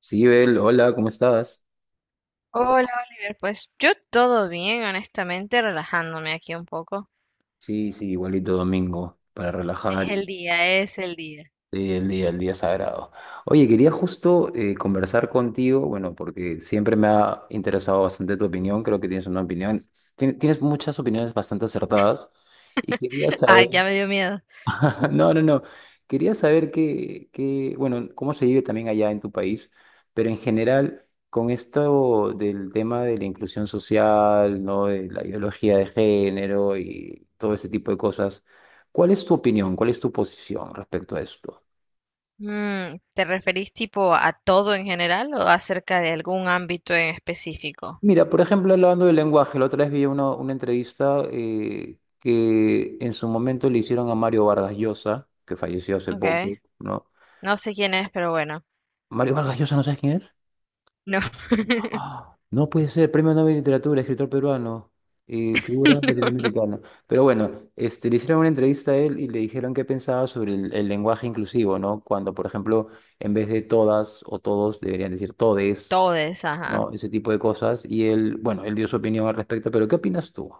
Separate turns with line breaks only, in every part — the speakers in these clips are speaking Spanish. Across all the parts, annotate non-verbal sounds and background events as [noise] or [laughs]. Sí, Bel, hola, ¿cómo estás?
Hola Oliver, pues yo todo bien, honestamente, relajándome aquí un poco.
Sí, sí, igualito domingo, para relajar
Es el
y
día, es el día.
sí, el día sagrado. Oye, quería justo conversar contigo, bueno, porque siempre me ha interesado bastante tu opinión, creo que tienes una opinión, tienes muchas opiniones bastante acertadas y quería
[laughs]
saber.
Ay, ya me dio miedo.
[laughs] No, no, no. Quería saber qué, bueno, cómo se vive también allá en tu país, pero en general, con esto del tema de la inclusión social, ¿no? De la ideología de género y todo ese tipo de cosas, ¿cuál es tu opinión? ¿Cuál es tu posición respecto a esto?
Mm, ¿te referís tipo a todo en general o acerca de algún ámbito en específico?
Mira, por ejemplo, hablando del lenguaje, la otra vez vi una entrevista que en su momento le hicieron a Mario Vargas Llosa, que falleció hace
Ok,
poco, ¿no?
no sé quién es, pero bueno,
Mario Vargas Llosa, ¿no sabes quién es?
no. [laughs]
Ah, no puede ser, Premio Nobel de Literatura, escritor peruano y figura
No, no.
latinoamericana. Pero bueno, este, le hicieron una entrevista a él y le dijeron qué pensaba sobre el lenguaje inclusivo, ¿no? Cuando, por ejemplo, en vez de todas o todos, deberían decir todes,
Todes, ajá.
¿no? Ese tipo de cosas. Y él, bueno, él dio su opinión al respecto, pero ¿qué opinas tú?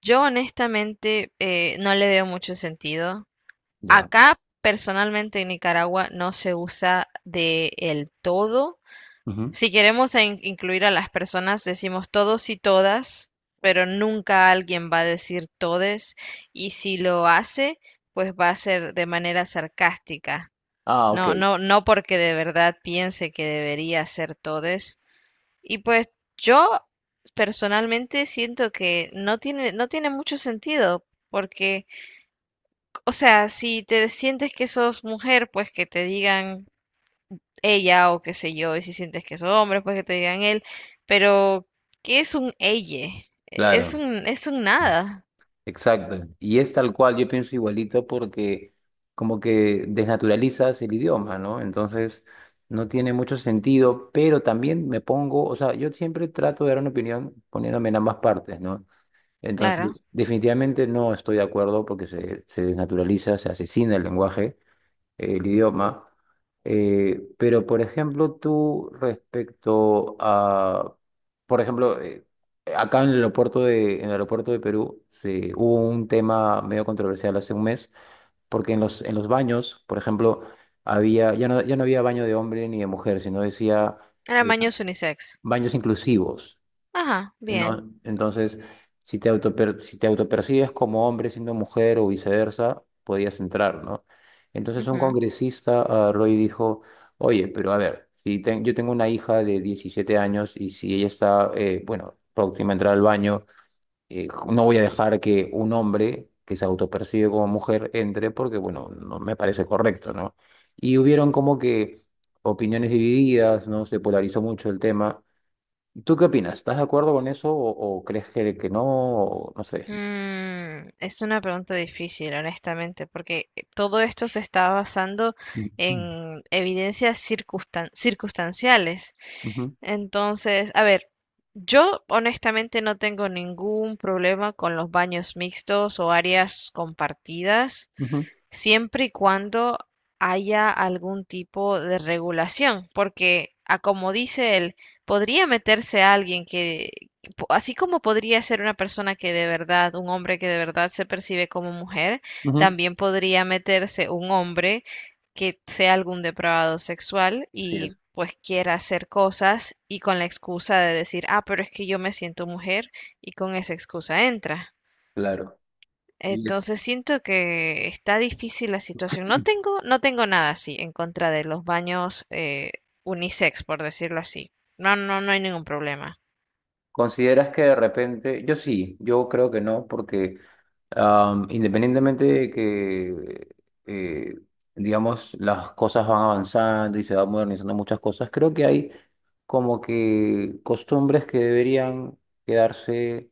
Yo honestamente no le veo mucho sentido.
Ya.
Acá, personalmente en Nicaragua, no se usa de el todo.
Ujú.
Si queremos incluir a las personas, decimos todos y todas, pero nunca alguien va a decir todes, y si lo hace, pues va a ser de manera sarcástica.
Ah, ok,
No, no, no porque de verdad piense que debería ser todes. Y pues yo personalmente siento que no tiene mucho sentido, porque, o sea, si te sientes que sos mujer, pues que te digan ella o qué sé yo, y si sientes que es hombre, pues que te digan él, pero ¿qué es un ella? E, es
claro.
un, es un nada,
Exacto. Y es tal cual, yo pienso igualito porque como que desnaturalizas el idioma, ¿no? Entonces no tiene mucho sentido, pero también me pongo, o sea, yo siempre trato de dar una opinión poniéndome en ambas partes, ¿no?
claro.
Entonces, definitivamente no estoy de acuerdo porque se desnaturaliza, se asesina el lenguaje, el idioma. Pero, por ejemplo, tú respecto a, por ejemplo, acá en el aeropuerto de, en el aeropuerto de Perú se, hubo un tema medio controversial hace un mes, porque en los baños, por ejemplo, había, ya no, ya no había baño de hombre ni de mujer, sino decía eh,
Aramaño es unisex.
baños inclusivos.
Ajá, bien.
No, entonces, si si te autopercibes como hombre siendo mujer o viceversa, podías entrar, ¿no? Entonces un
Ujú.
congresista, ah, Roy, dijo, oye, pero a ver, si ten- yo tengo una hija de 17 años y si ella está, bueno, próxima a entrar al baño, no voy a dejar que un hombre que se autopercibe como mujer entre porque, bueno, no me parece correcto, ¿no? Y hubieron como que opiniones divididas, ¿no? Se polarizó mucho el tema. ¿Tú qué opinas? ¿Estás de acuerdo con eso o crees que no? O no sé.
Mm, es una pregunta difícil, honestamente, porque todo esto se está basando
Ujú,
en evidencias circunstanciales.
ujú,
Entonces, a ver, yo honestamente no tengo ningún problema con los baños mixtos o áreas compartidas,
ujú,
siempre y cuando haya algún tipo de regulación, porque a como dice él, podría meterse alguien que así como podría ser una persona que de verdad, un hombre que de verdad se percibe como mujer,
ujú.
también podría meterse un hombre que sea algún depravado sexual
Así
y
es.
pues quiera hacer cosas y con la excusa de decir, ah, pero es que yo me siento mujer y con esa excusa entra.
Claro. Y es-
Entonces siento que está difícil la situación. No tengo nada así en contra de los baños unisex, por decirlo así. No, no, no hay ningún problema.
¿Consideras que de repente, yo sí, yo creo que no, porque independientemente de que, eh, digamos, las cosas van avanzando y se van modernizando muchas cosas, creo que hay como que costumbres que deberían quedarse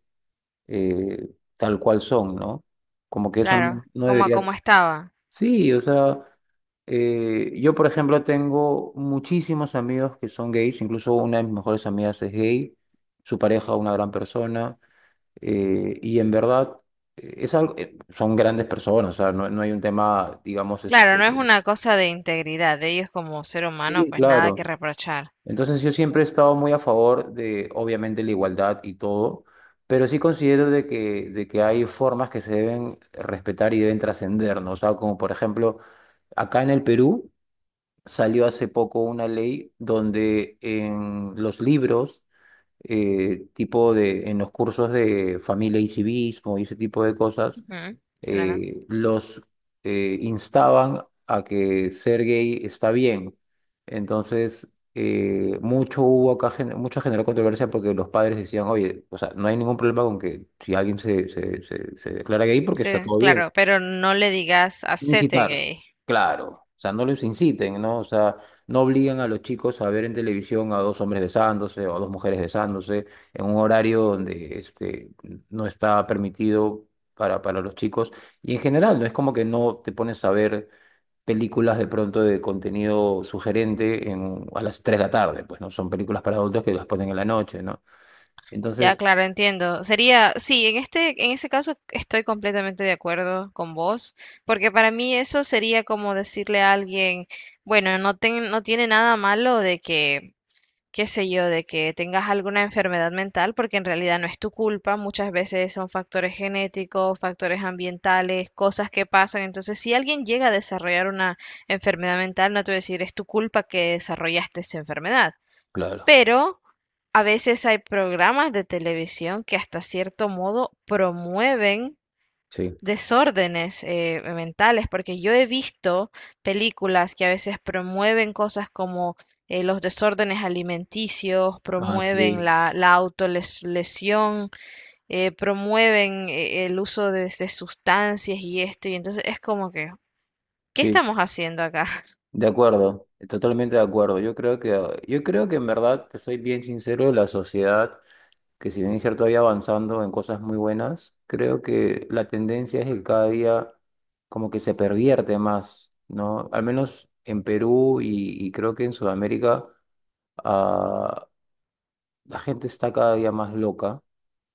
eh, tal cual son, ¿no? Como que eso no,
Claro,
no
como a
debería.
como estaba.
Sí, o sea, yo por ejemplo tengo muchísimos amigos que son gays, incluso una de mis mejores amigas es gay, su pareja una gran persona, y en verdad es algo, son grandes personas, o sea, no, no hay un tema, digamos,
Claro, no es
este,
una cosa de integridad de ellos como ser humano,
sí,
pues nada que
claro.
reprochar.
Entonces yo siempre he estado muy a favor de, obviamente, la igualdad y todo, pero sí considero de que hay formas que se deben respetar y deben trascender, ¿no? O sea, como por ejemplo... Acá en el Perú, salió hace poco una ley donde en los libros, tipo de, en los cursos de familia y civismo y ese tipo de cosas,
Ujú, claro.
los instaban a que ser gay está bien. Entonces, mucho hubo acá, mucha generó controversia porque los padres decían, oye, o sea, no hay ningún problema con que si alguien se declara gay porque está
Sí,
todo bien.
claro, pero no le digas hacete
Incitar,
gay.
claro. O sea, no los inciten, ¿no? O sea, no obligan a los chicos a ver en televisión a dos hombres besándose o a dos mujeres besándose en un horario donde este, no está permitido para los chicos. Y en general, no es como que no te pones a ver películas de pronto de contenido sugerente en, a las 3 de la tarde, pues, ¿no? Son películas para adultos que las ponen en la noche, ¿no?
Ya,
Entonces,
claro, entiendo. Sería, sí, en este, en ese caso estoy completamente de acuerdo con vos, porque para mí eso sería como decirle a alguien, bueno, no tiene nada malo de que qué sé yo, de que tengas alguna enfermedad mental, porque en realidad no es tu culpa, muchas veces son factores genéticos, factores ambientales, cosas que pasan. Entonces, si alguien llega a desarrollar una enfermedad mental, no te voy a decir, es tu culpa que desarrollaste esa enfermedad,
claro,
pero... A veces hay programas de televisión que hasta cierto modo promueven
sí.
desórdenes mentales, porque yo he visto películas que a veces promueven cosas como los desórdenes alimenticios,
Ah, sí,
promueven la autolesión, promueven el uso de sustancias y esto, y entonces es como que, ¿qué
sí.
estamos haciendo acá?
De acuerdo, totalmente de acuerdo. Yo creo que en verdad, te soy bien sincero, la sociedad, que si bien es cierto, vaya avanzando en cosas muy buenas, creo que la tendencia es que cada día como que se pervierte más, ¿no? Al menos en Perú y creo que en Sudamérica, ah, la gente está cada día más loca,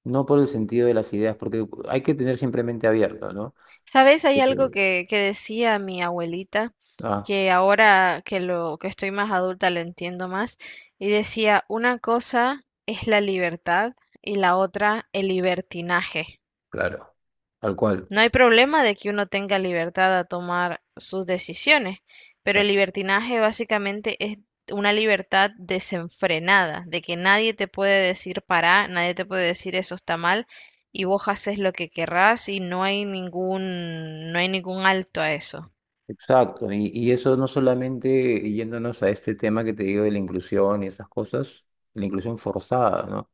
no por el sentido de las ideas, porque hay que tener siempre mente abierta, ¿no?
¿Sabes? Hay algo
Ujú.
que decía mi abuelita,
Ah,
que ahora que lo que estoy más adulta lo entiendo más, y decía, una cosa es la libertad y la otra el libertinaje.
claro, tal cual.
No hay problema de que uno tenga libertad a tomar sus decisiones, pero el libertinaje básicamente es una libertad desenfrenada, de que nadie te puede decir para, nadie te puede decir eso está mal y vos haces lo que querrás y no hay ningún, no hay ningún alto a eso.
Exacto, y eso no solamente yéndonos a este tema que te digo de la inclusión y esas cosas, la inclusión forzada, ¿no?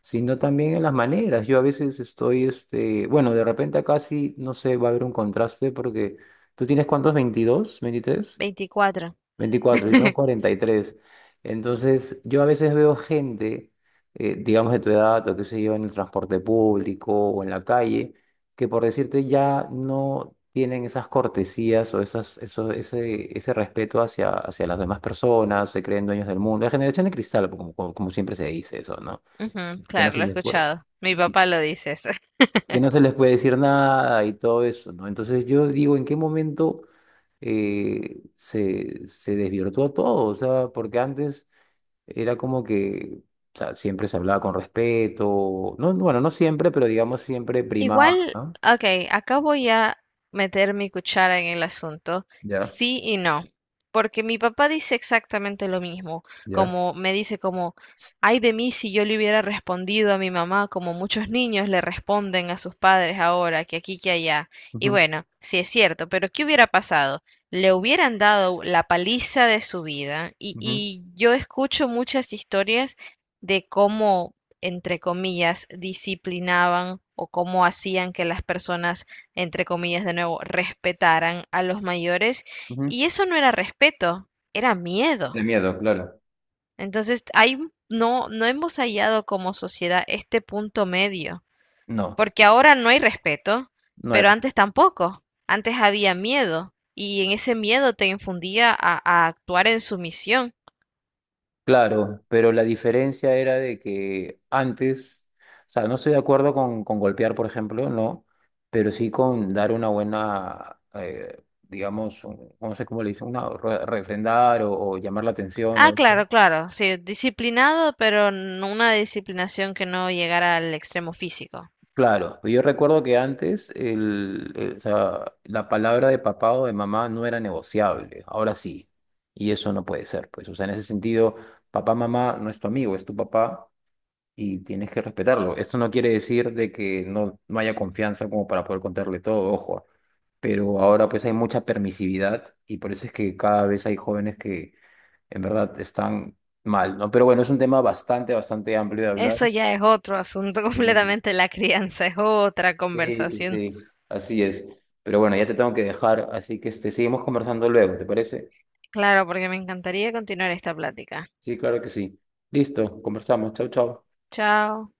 Sino también en las maneras. Yo a veces estoy, este, bueno, de repente acá sí, no sé, va a haber un contraste porque tú tienes cuántos, 22, 23?
24.
24, yo tengo
[laughs]
43. Entonces, yo a veces veo gente, digamos de tu edad o qué sé yo, en el transporte público o en la calle, que por decirte ya no tienen esas cortesías o esas, eso, ese respeto hacia, hacia las demás personas, se creen dueños del mundo. La generación de cristal, como, como, como siempre se dice eso, ¿no?
Ujú,
Y que no
claro,
se
lo he
les puede,
escuchado. Mi papá lo dice eso.
que no se les puede decir nada y todo eso, ¿no? Entonces, yo digo, ¿en qué momento... se, se desvirtuó todo, o sea, porque antes era como que, o sea, siempre se hablaba con respeto. No, bueno, no siempre, pero digamos siempre primaba,
Igual,
¿no?
ok, acá voy a meter mi cuchara en el asunto,
Ya,
sí y no, porque mi papá dice exactamente lo mismo,
ya.
como me dice como, ay de mí si yo le hubiera respondido a mi mamá como muchos niños le responden a sus padres ahora, que aquí, que allá. Y
Ujú,
bueno, sí es cierto, pero ¿qué hubiera pasado? Le hubieran dado la paliza de su vida
ujú,
y yo escucho muchas historias de cómo entre comillas, disciplinaban o cómo hacían que las personas, entre comillas, de nuevo, respetaran a los mayores.
ujú.
Y eso no era respeto, era miedo.
De miedo, claro.
Entonces, hay, no, no hemos hallado como sociedad este punto medio,
No,
porque ahora no hay respeto,
no
pero
era.
antes tampoco. Antes había miedo y en ese miedo te infundía a actuar en sumisión.
Claro, pero la diferencia era de que antes, o sea, no estoy de acuerdo con golpear, por ejemplo, no, pero sí con dar una buena, digamos, no sé cómo le dicen, una refrendar o llamar la atención o
Ah,
eso.
claro, claro, sí, disciplinado, pero no una disciplinación que no llegara al extremo físico.
Claro, pero yo recuerdo que antes o sea, la palabra de papá o de mamá no era negociable, ahora sí, y eso no puede ser, pues, o sea, en ese sentido, papá, mamá no es tu amigo, es tu papá y tienes que respetarlo. Esto no quiere decir de que no, no haya confianza como para poder contarle todo, ojo, pero ahora pues hay mucha permisividad y por eso es que cada vez hay jóvenes que en verdad están mal, ¿no? Pero bueno, es un tema bastante, bastante amplio de hablar.
Eso ya es otro asunto [laughs]
Sí.
completamente, la crianza es otra
Sí, sí,
conversación.
sí, así es. Pero bueno, ya te tengo que dejar, así que este, seguimos conversando luego, ¿te parece?
Claro, porque me encantaría continuar esta plática.
Sí, claro que sí. Listo, conversamos. Chau, chau.
Chao.